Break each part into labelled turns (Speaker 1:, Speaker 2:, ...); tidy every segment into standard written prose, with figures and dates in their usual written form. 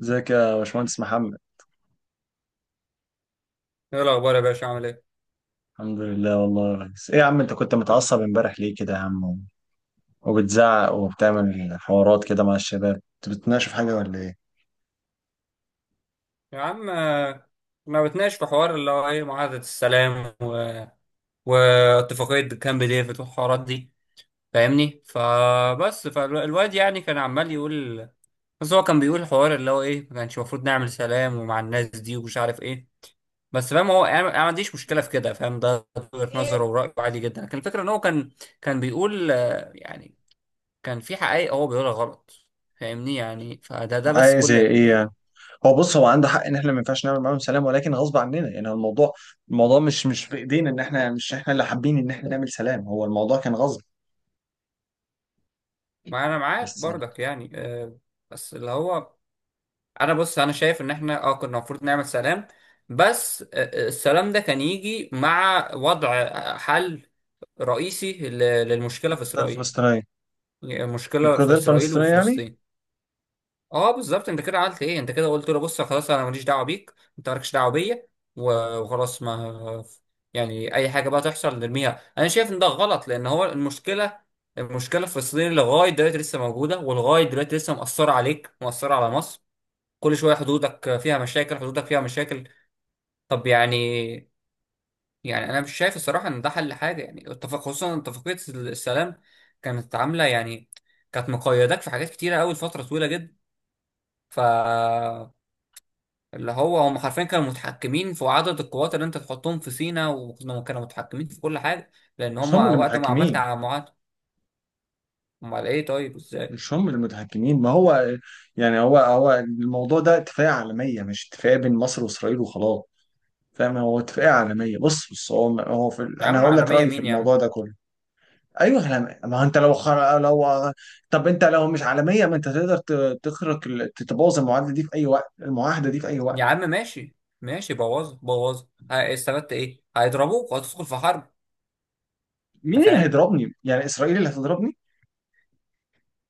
Speaker 1: ازيك يا باشمهندس محمد؟
Speaker 2: ايه الاخبار يا باشا عامل ايه؟
Speaker 1: الحمد لله والله يا ريس. ايه يا عم، انت كنت متعصب امبارح ليه كده يا عم؟ وبتزعق وبتعمل حوارات كده مع الشباب، انت بتتناقشوا في حاجه ولا ايه؟
Speaker 2: يا عم ما بتناقش في حوار اللي هو ايه معاهدة السلام واتفاقية كامب ديفيد والحوارات دي. فاهمني؟ فبس فالواد يعني كان عمال يقول. بس هو كان بيقول حوار اللي هو ايه، ما كانش المفروض نعمل سلام ومع الناس دي ومش عارف ايه. بس فاهم هو أنا ما عنديش مشكلة في كده. فاهم ده؟ وجهة نظره ورأيه عادي جدا، لكن الفكرة ان هو كان بيقول يعني كان في حقائق هو بيقولها غلط. فاهمني؟ يعني فده بس
Speaker 1: عايز
Speaker 2: كل
Speaker 1: ايه يعني؟
Speaker 2: اللي.
Speaker 1: هو بص، هو عنده حق ان احنا ما ينفعش نعمل معاهم سلام، ولكن غصب عننا يعني. هو الموضوع مش في ايدينا، ان احنا مش احنا اللي حابين ان احنا نعمل سلام، هو الموضوع كان غصب.
Speaker 2: ما انا معاك
Speaker 1: بس يعني.
Speaker 2: برضك يعني بس اللي هو انا بص، انا شايف ان احنا اه كنا المفروض نعمل سلام، بس السلام ده كان يجي مع وضع حل رئيسي للمشكلة في
Speaker 1: القضيه
Speaker 2: اسرائيل.
Speaker 1: الفلسطينيه.
Speaker 2: المشكلة في
Speaker 1: القضيه
Speaker 2: اسرائيل
Speaker 1: الفلسطينيه يعني.
Speaker 2: وفلسطين. اه بالظبط، انت كده عملت ايه؟ انت كده قلت له بص خلاص، انا ماليش دعوه بيك، انت مالكش دعوه بيا، وخلاص ما يعني اي حاجه بقى تحصل نرميها. انا شايف ان ده غلط، لان هو المشكله الفلسطينيه لغايه دلوقتي لسه موجوده، ولغايه دلوقتي لسه مأثره عليك، مأثره على مصر. كل شويه حدودك فيها مشاكل، حدودك فيها مشاكل. طب يعني، يعني انا مش شايف الصراحه ان ده حل حاجه. يعني اتفاق، خصوصا اتفاقيه السلام كانت عامله يعني، كانت مقيداك في حاجات كتيره قوي لفتره طويله جدا. ف اللي هو هم حرفيا كانوا متحكمين في عدد القوات اللي انت تحطهم في سيناء، وكانوا متحكمين في كل حاجه، لان
Speaker 1: مش
Speaker 2: هم
Speaker 1: هم اللي
Speaker 2: وقت ما عملت
Speaker 1: متحكمين،
Speaker 2: على معاهده. امال ايه؟ طيب ازاي؟
Speaker 1: مش هم المتحكمين ما هو. يعني هو الموضوع ده اتفاقية عالمية، مش اتفاقية بين مصر وإسرائيل وخلاص. فاهم؟ هو اتفاقية عالمية. بص، هو في
Speaker 2: يا
Speaker 1: أنا
Speaker 2: عم
Speaker 1: هقول لك
Speaker 2: عالميه
Speaker 1: رأيي في
Speaker 2: مين يا
Speaker 1: الموضوع
Speaker 2: عم؟
Speaker 1: ده كله. أيوه احنا، ما هو أنت لو لو، طب أنت لو مش عالمية، ما أنت تقدر تخرق تتبوظ المعاهدة دي في أي وقت، المعاهدة دي في أي
Speaker 2: يا
Speaker 1: وقت.
Speaker 2: عم ماشي، ماشي، بوظ بوظ. استفدت ايه؟ هيضربوك وهتدخل في حرب.
Speaker 1: مين
Speaker 2: انت
Speaker 1: اللي
Speaker 2: فاهم؟
Speaker 1: هيضربني؟ يعني إسرائيل اللي هتضربني؟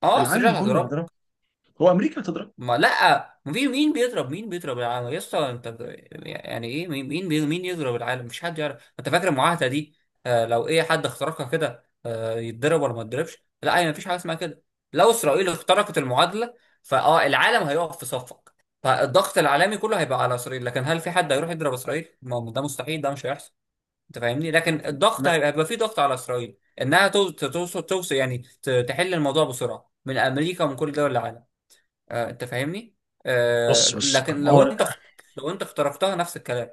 Speaker 2: اه سريع
Speaker 1: العالم كله هيضربني؟
Speaker 2: هتضربك.
Speaker 1: هو أمريكا هتضربني؟
Speaker 2: ما لا، مين بيضرب؟ مين بيضرب العالم يا اسطى؟ انت يعني ايه؟ مين يضرب العالم؟ مش حد يعرف. انت فاكر المعاهده دي آه لو ايه حد اخترقها كده آه يتضرب ولا ما يتضربش؟ لا هي مفيش حاجه اسمها كده. لو اسرائيل اخترقت المعادله فاه العالم هيقف في صفك، فالضغط العالمي كله هيبقى على اسرائيل. لكن هل في حد هيروح يضرب اسرائيل؟ ما هو ده مستحيل، ده مش هيحصل. انت فاهمني؟ لكن الضغط
Speaker 1: ما-
Speaker 2: هيبقى فيه ضغط على اسرائيل انها توصل يعني تحل الموضوع بسرعه من امريكا ومن كل دول العالم. انت فاهمني؟
Speaker 1: بص بص،
Speaker 2: لكن لو
Speaker 1: هو
Speaker 2: انت، لو انت اخترقتها نفس الكلام.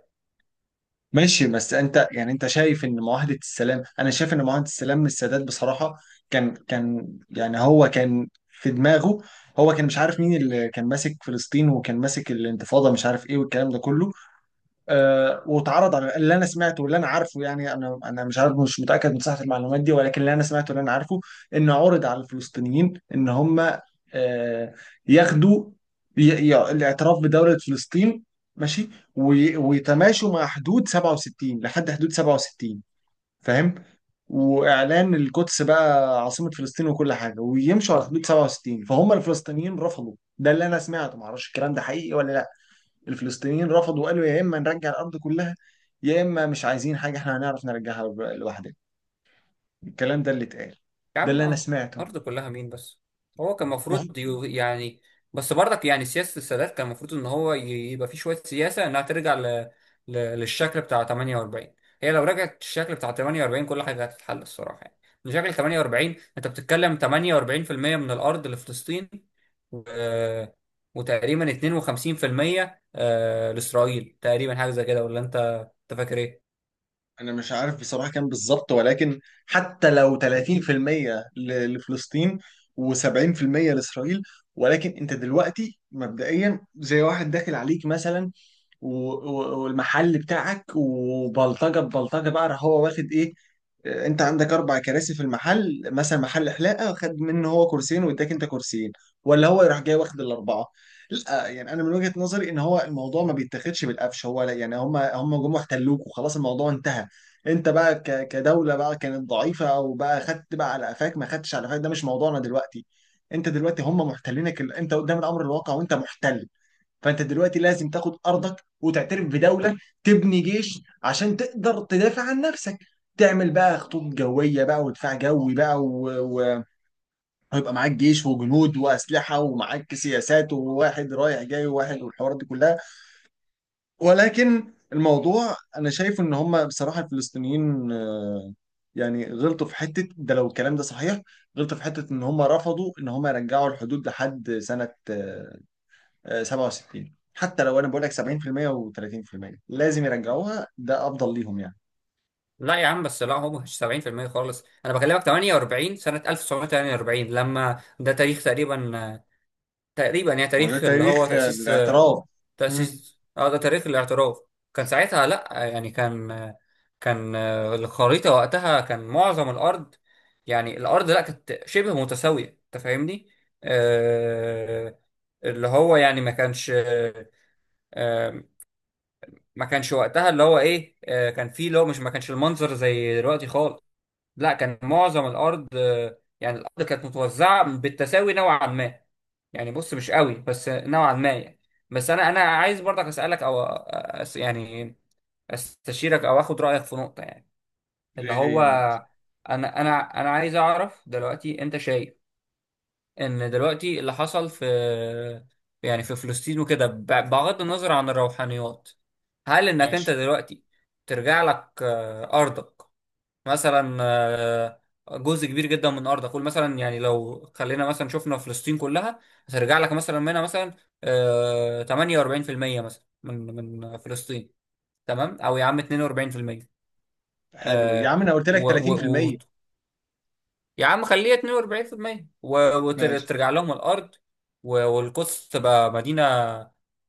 Speaker 1: ماشي. بس انت يعني، انت شايف ان معاهدة السلام، انا شايف ان معاهدة السلام من السادات بصراحة كان يعني، هو كان في دماغه. هو كان مش عارف مين اللي كان ماسك فلسطين، وكان ماسك الانتفاضة، مش عارف ايه والكلام ده كله. واتعرض على اللي انا سمعته واللي انا عارفه. يعني انا مش عارف، مش متاكد من صحه المعلومات دي، ولكن اللي انا سمعته واللي انا عارفه، انه عرض على الفلسطينيين ان هم آه، ياخدوا ي- الاعتراف بدوله فلسطين، ماشي، ويتماشوا مع حدود 67، لحد حدود 67. فاهم؟ واعلان القدس بقى عاصمه فلسطين وكل حاجه، ويمشوا على حدود 67. فهم الفلسطينيين رفضوا، ده اللي انا سمعته، معرفش الكلام ده حقيقي ولا لا. الفلسطينيين رفضوا وقالوا يا اما نرجع الارض كلها، يا اما مش عايزين حاجه، احنا هنعرف نرجعها لوحدنا. الكلام ده اللي اتقال،
Speaker 2: يا
Speaker 1: ده
Speaker 2: عم
Speaker 1: اللي انا سمعته.
Speaker 2: أرض كلها مين بس؟ هو كان المفروض
Speaker 1: وهو-
Speaker 2: يعني، بس برضك يعني سياسة السادات كان المفروض إن هو يبقى فيه شوية سياسة إنها ترجع للشكل بتاع 48. هي لو رجعت الشكل بتاع 48، كل حاجة هتتحل الصراحة يعني. من شكل 48، أنت بتتكلم 48% من الأرض لفلسطين، و... وتقريبا 52% لإسرائيل تقريبا، حاجة زي كده، ولا أنت فاكر إيه؟
Speaker 1: انا مش عارف بصراحه كام بالظبط، ولكن حتى لو 30% لفلسطين و70% لاسرائيل. ولكن انت دلوقتي مبدئيا زي واحد داخل عليك مثلا، والمحل بتاعك، وبلطجه ببلطجه بقى، راح هو واخد ايه؟ انت عندك اربع كراسي في المحل مثلا، محل حلاقه، خد منه هو كرسيين واداك انت كرسيين، ولا هو يروح جاي واخد الاربعه؟ لا، يعني انا من وجهه نظري ان هو الموضوع ما بيتاخدش بالقفش. هو لا يعني، هم جم واحتلوك وخلاص، الموضوع انتهى. انت بقى كدوله بقى كانت ضعيفه، او بقى خدت بقى على قفاك، ما خدتش على قفاك، ده مش موضوعنا دلوقتي. انت دلوقتي هم محتلينك، انت قدام الامر الواقع، وانت محتل. فانت دلوقتي لازم تاخد ارضك وتعترف بدوله، تبني جيش عشان تقدر تدافع عن نفسك، تعمل بقى خطوط جويه بقى ودفاع جوي بقى ويبقى معاك جيش وجنود واسلحه، ومعاك سياسات، وواحد رايح جاي وواحد، والحوارات دي كلها. ولكن الموضوع، انا شايف ان هم بصراحه الفلسطينيين يعني غلطوا في حته، ده لو الكلام ده صحيح. غلطوا في حته ان هم رفضوا ان هم يرجعوا الحدود لحد سنه 67. حتى لو انا بقول لك 70% و30%، لازم يرجعوها، ده افضل ليهم يعني.
Speaker 2: لا يا عم، بس لا هو مش 70% خالص. انا بكلمك 48، سنة 1948، لما ده تاريخ تقريبا، تقريبا يعني
Speaker 1: ما هو ده
Speaker 2: تاريخ اللي هو
Speaker 1: تاريخ
Speaker 2: تأسيس
Speaker 1: الاعتراف. مم.
Speaker 2: تأسيس اه ده تاريخ الاعتراف. كان ساعتها لا يعني كان الخريطة وقتها كان معظم الأرض يعني الأرض، لا كانت شبه متساوية. أنت فاهمني؟ آه اللي هو يعني ما كانش آه ما كانش وقتها اللي هو إيه آه كان فيه اللي هو مش، ما كانش المنظر زي دلوقتي خالص. لا كان معظم الارض يعني الارض كانت متوزعه بالتساوي نوعا ما، يعني بص مش قوي بس نوعا ما يعني. بس انا عايز برضك اسالك او أس يعني استشيرك او اخد رايك في نقطه يعني، اللي
Speaker 1: ايه
Speaker 2: هو
Speaker 1: هي النقطة؟
Speaker 2: انا عايز اعرف دلوقتي، انت شايف ان دلوقتي اللي حصل في يعني في فلسطين وكده بغض النظر عن الروحانيات، هل انك انت
Speaker 1: ماشي.
Speaker 2: دلوقتي ترجع لك ارضك، مثلا جزء كبير جدا من ارضك؟ قول مثلا يعني لو خلينا مثلا شفنا فلسطين كلها، هترجع لك مثلا منها مثلا 48% مثلا من فلسطين، تمام، او يا عم 42%،
Speaker 1: حلو يا
Speaker 2: آه،
Speaker 1: عم، انا قلت لك
Speaker 2: و-
Speaker 1: 30%.
Speaker 2: و- يا عم خليها 42%
Speaker 1: ماشي.
Speaker 2: وترجع لهم الارض. والقدس تبقى مدينه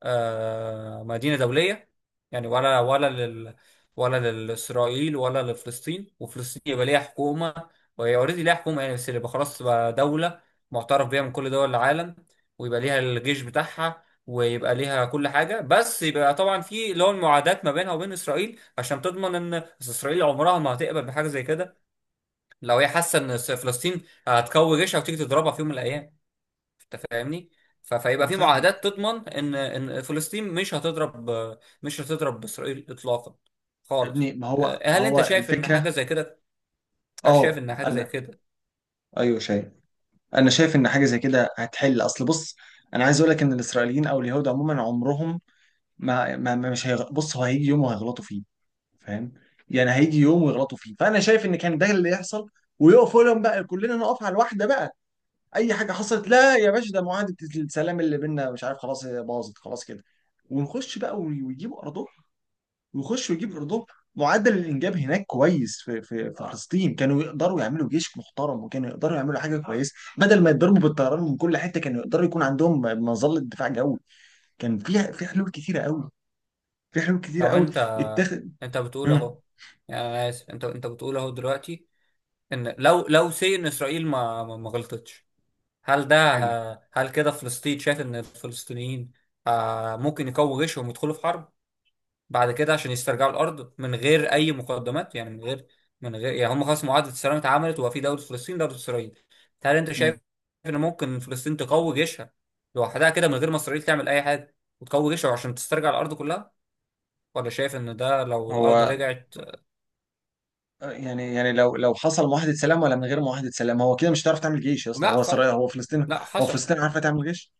Speaker 2: آه مدينه دوليه يعني، ولا لاسرائيل ولا لفلسطين. وفلسطين يبقى ليها حكومه، وهي اوريدي ليها حكومه يعني، بس يبقى خلاص تبقى دوله معترف بيها من كل دول العالم. ويبقى ليها الجيش بتاعها، ويبقى ليها كل حاجه، بس يبقى طبعا في اللي هو المعادات ما بينها وبين اسرائيل عشان تضمن، ان بس إسرائيل عمرها ما هتقبل بحاجه زي كده لو هي حاسه ان فلسطين هتقوي جيشها وتيجي تضربها في يوم من الايام. انت فاهمني؟ فيبقى
Speaker 1: انا
Speaker 2: في
Speaker 1: فاهمك.
Speaker 2: معاهدات تضمن ان فلسطين مش هتضرب، مش هتضرب اسرائيل اطلاقا،
Speaker 1: يا
Speaker 2: خالص.
Speaker 1: ابني، ما هو
Speaker 2: هل انت
Speaker 1: هو
Speaker 2: شايف ان
Speaker 1: الفكره.
Speaker 2: حاجه زي كده؟ هل شايف
Speaker 1: اه
Speaker 2: ان حاجه زي
Speaker 1: انا.
Speaker 2: كده؟
Speaker 1: ايوه شايف، انا شايف ان حاجه زي كده هتحل. اصل بص، انا عايز اقول لك ان الاسرائيليين او اليهود عموما عمرهم ما، مش بص، هو هيجي يوم وهيغلطوا فيه. فاهم؟ يعني هيجي يوم ويغلطوا فيه، فانا شايف ان كان ده اللي يحصل، ويقفوا لهم بقى، كلنا نقف على الواحده بقى. اي حاجه حصلت، لا يا باشا ده معاهده السلام اللي بينا مش عارف، خلاص هي باظت خلاص كده، ونخش بقى ويجيبوا ارضهم، ويخشوا يجيبوا ارضهم. معدل الانجاب هناك كويس في فلسطين، كانوا يقدروا يعملوا جيش محترم، وكانوا يقدروا يعملوا حاجه كويسه بدل ما يتضربوا بالطيران من كل حته، كانوا يقدروا يكون عندهم مظله دفاع جوي. كان في حلول كتيره قوي، في حلول كتيره
Speaker 2: طب
Speaker 1: قوي.
Speaker 2: انت،
Speaker 1: اتخذ.
Speaker 2: انت بتقول
Speaker 1: مم.
Speaker 2: اهو، يعني انا اسف، انت بتقول اهو دلوقتي، ان لو لو سي ان اسرائيل ما غلطتش، هل ده،
Speaker 1: حلو.
Speaker 2: هل كده فلسطين، شايف ان الفلسطينيين ممكن يقووا جيشهم ويدخلوا في حرب بعد كده عشان يسترجعوا الارض من غير اي مقدمات، يعني من غير يعني هم خلاص معاهده السلام اتعملت وبقى في دوله فلسطين دوله اسرائيل. هل انت شايف
Speaker 1: مم.
Speaker 2: ان ممكن فلسطين تقوي جيشها لوحدها كده من غير ما اسرائيل تعمل اي حاجه، وتقوي جيشها عشان تسترجع الارض كلها، ولا شايف ان ده لو الارض
Speaker 1: هو
Speaker 2: رجعت؟
Speaker 1: يعني لو حصل معاهدة سلام، ولا من غير معاهدة سلام، هو كده مش هتعرف تعمل جيش يا اسطى.
Speaker 2: لا
Speaker 1: هو
Speaker 2: خلاص،
Speaker 1: اسرائيل، هو فلسطين.
Speaker 2: لا
Speaker 1: هو
Speaker 2: حصل.
Speaker 1: فلسطين عارفة تعمل جيش؟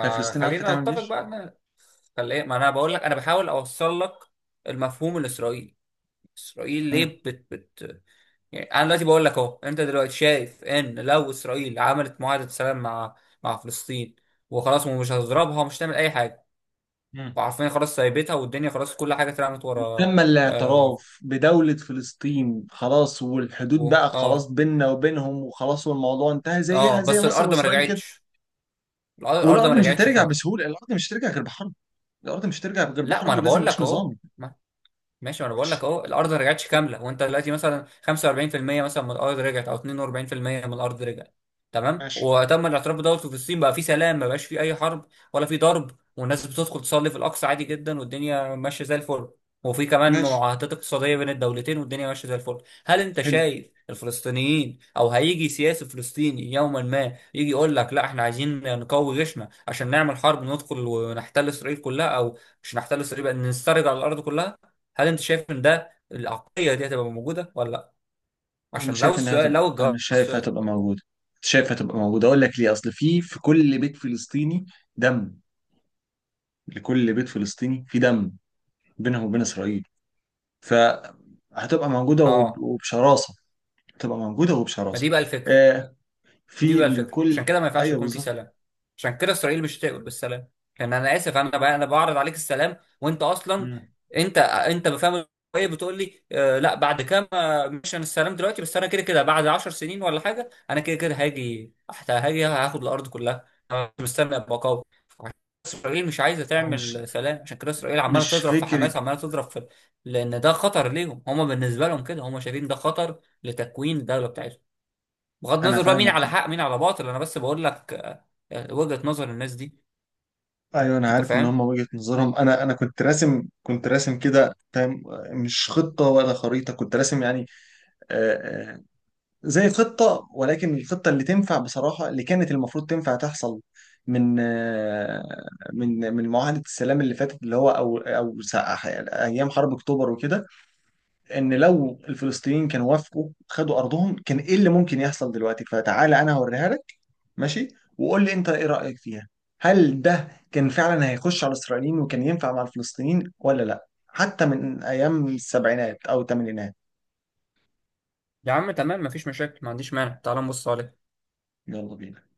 Speaker 1: هي فلسطين عارفة
Speaker 2: خلينا
Speaker 1: تعمل
Speaker 2: نتفق
Speaker 1: جيش؟
Speaker 2: بقى ان، خلي، ما انا بقول لك، انا بحاول اوصل لك المفهوم الاسرائيلي. اسرائيل ليه
Speaker 1: مم.
Speaker 2: بت يعني، انا دلوقتي بقول لك اهو، انت دلوقتي شايف ان لو اسرائيل عملت معاهده سلام مع مع فلسطين وخلاص، ومش هتضربها، ومش هتعمل اي حاجه،
Speaker 1: مم.
Speaker 2: وعارفين خلاص سايبتها والدنيا خلاص كل حاجه اترمت ورا.
Speaker 1: وتم
Speaker 2: اه
Speaker 1: الاعتراف بدولة فلسطين خلاص، والحدود
Speaker 2: و-
Speaker 1: بقى خلاص
Speaker 2: اه
Speaker 1: بيننا وبينهم وخلاص، والموضوع انتهى، زيها
Speaker 2: اه
Speaker 1: زي
Speaker 2: بس
Speaker 1: مصر
Speaker 2: الارض ما
Speaker 1: واسرائيل كده.
Speaker 2: رجعتش. الأرض
Speaker 1: والارض
Speaker 2: ما
Speaker 1: مش
Speaker 2: رجعتش
Speaker 1: هترجع
Speaker 2: كامله.
Speaker 1: بسهولة، الارض مش هترجع غير بحرب، الارض مش هترجع غير
Speaker 2: لا ما
Speaker 1: بحرب،
Speaker 2: انا
Speaker 1: ولازم
Speaker 2: بقول
Speaker 1: جيش
Speaker 2: لك اهو
Speaker 1: نظامي.
Speaker 2: ماشي، ما انا بقول لك
Speaker 1: ماشي.
Speaker 2: اهو، الارض ما رجعتش كامله، وانت دلوقتي مثلا 45% مثلا من الارض رجعت، او 42% من الارض رجعت، تمام،
Speaker 1: ماشي.
Speaker 2: وتم الاعتراف بدوت وفي الصين بقى في سلام، ما بقاش في اي حرب ولا في ضرب، والناس بتدخل تصلي في الاقصى عادي جدا والدنيا ماشيه زي الفل. وفي كمان
Speaker 1: ماشي.
Speaker 2: معاهدات اقتصاديه بين الدولتين والدنيا ماشيه زي الفل. هل انت
Speaker 1: حلو.
Speaker 2: شايف الفلسطينيين، او هيجي سياسي فلسطيني يوما ما يجي يقول لك لا احنا عايزين نقوي جيشنا عشان نعمل حرب ندخل ونحتل اسرائيل كلها، او مش نحتل اسرائيل بقى نسترجع الارض كلها؟ هل انت شايف ان ده العقليه دي هتبقى موجوده ولا لا؟
Speaker 1: انا
Speaker 2: عشان لو
Speaker 1: شايف انها
Speaker 2: السؤال،
Speaker 1: هتبقى،
Speaker 2: لو
Speaker 1: انا
Speaker 2: الجواب على
Speaker 1: شايف
Speaker 2: السؤال
Speaker 1: هتبقى موجوده، شايف هتبقى موجوده. اقول لك ليه؟ اصل في كل بيت فلسطيني دم. لكل بيت فلسطيني في دم بينهم وبين اسرائيل. فهتبقى موجوده
Speaker 2: اه
Speaker 1: وبشراسه، هتبقى موجوده
Speaker 2: ما
Speaker 1: وبشراسه.
Speaker 2: دي بقى الفكره.
Speaker 1: آه.
Speaker 2: دي
Speaker 1: في
Speaker 2: بقى الفكره، عشان
Speaker 1: لكل.
Speaker 2: كده ما ينفعش
Speaker 1: ايوه
Speaker 2: يكون في
Speaker 1: بالظبط.
Speaker 2: سلام، عشان كده اسرائيل مش هتقبل بالسلام. لان انا اسف، انا بقى انا بعرض عليك السلام، وانت اصلا
Speaker 1: مم.
Speaker 2: انت بفهم ايه؟ بتقول لي آه لا بعد كام مش انا السلام دلوقتي، بس انا كده كده بعد 10 سنين ولا حاجه انا كده كده هاجي، حتى هاجي هاخد الارض كلها، انا مش مستني ابقى قوي. اسرائيل مش عايزه
Speaker 1: هو مش
Speaker 2: تعمل سلام، عشان كده اسرائيل عماله
Speaker 1: مش
Speaker 2: تضرب في
Speaker 1: فكره.
Speaker 2: حماس، عماله تضرب في. لان ده خطر ليهم هم، بالنسبه لهم كده هم شايفين ده خطر لتكوين الدوله بتاعتهم. بغض
Speaker 1: انا
Speaker 2: النظر بقى مين
Speaker 1: فاهمك.
Speaker 2: على حق مين على باطل، انا بس بقول لك وجهة نظر الناس دي.
Speaker 1: ايوه انا
Speaker 2: انت
Speaker 1: عارف ان
Speaker 2: فاهم؟
Speaker 1: هم وجهه نظرهم. انا كنت راسم، كنت راسم كده. فاهم؟ مش خطه ولا خريطه، كنت راسم يعني. آه، آه، زي خطة. ولكن الخطة اللي تنفع بصراحة، اللي كانت المفروض تنفع تحصل من من معاهدة السلام اللي فاتت، اللي هو أو أو أيام حرب أكتوبر وكده. إن لو الفلسطينيين كانوا وافقوا خدوا أرضهم، كان إيه اللي ممكن يحصل دلوقتي؟ فتعالى أنا هوريها لك. ماشي. وقول لي أنت إيه رأيك فيها، هل ده كان فعلا هيخش على الإسرائيليين وكان ينفع مع الفلسطينيين ولا لأ؟ حتى من أيام السبعينات أو الثمانينات.
Speaker 2: يا عم تمام، مفيش مشاكل، ما عنديش مانع، تعال نبص عليه.
Speaker 1: يلا بينا.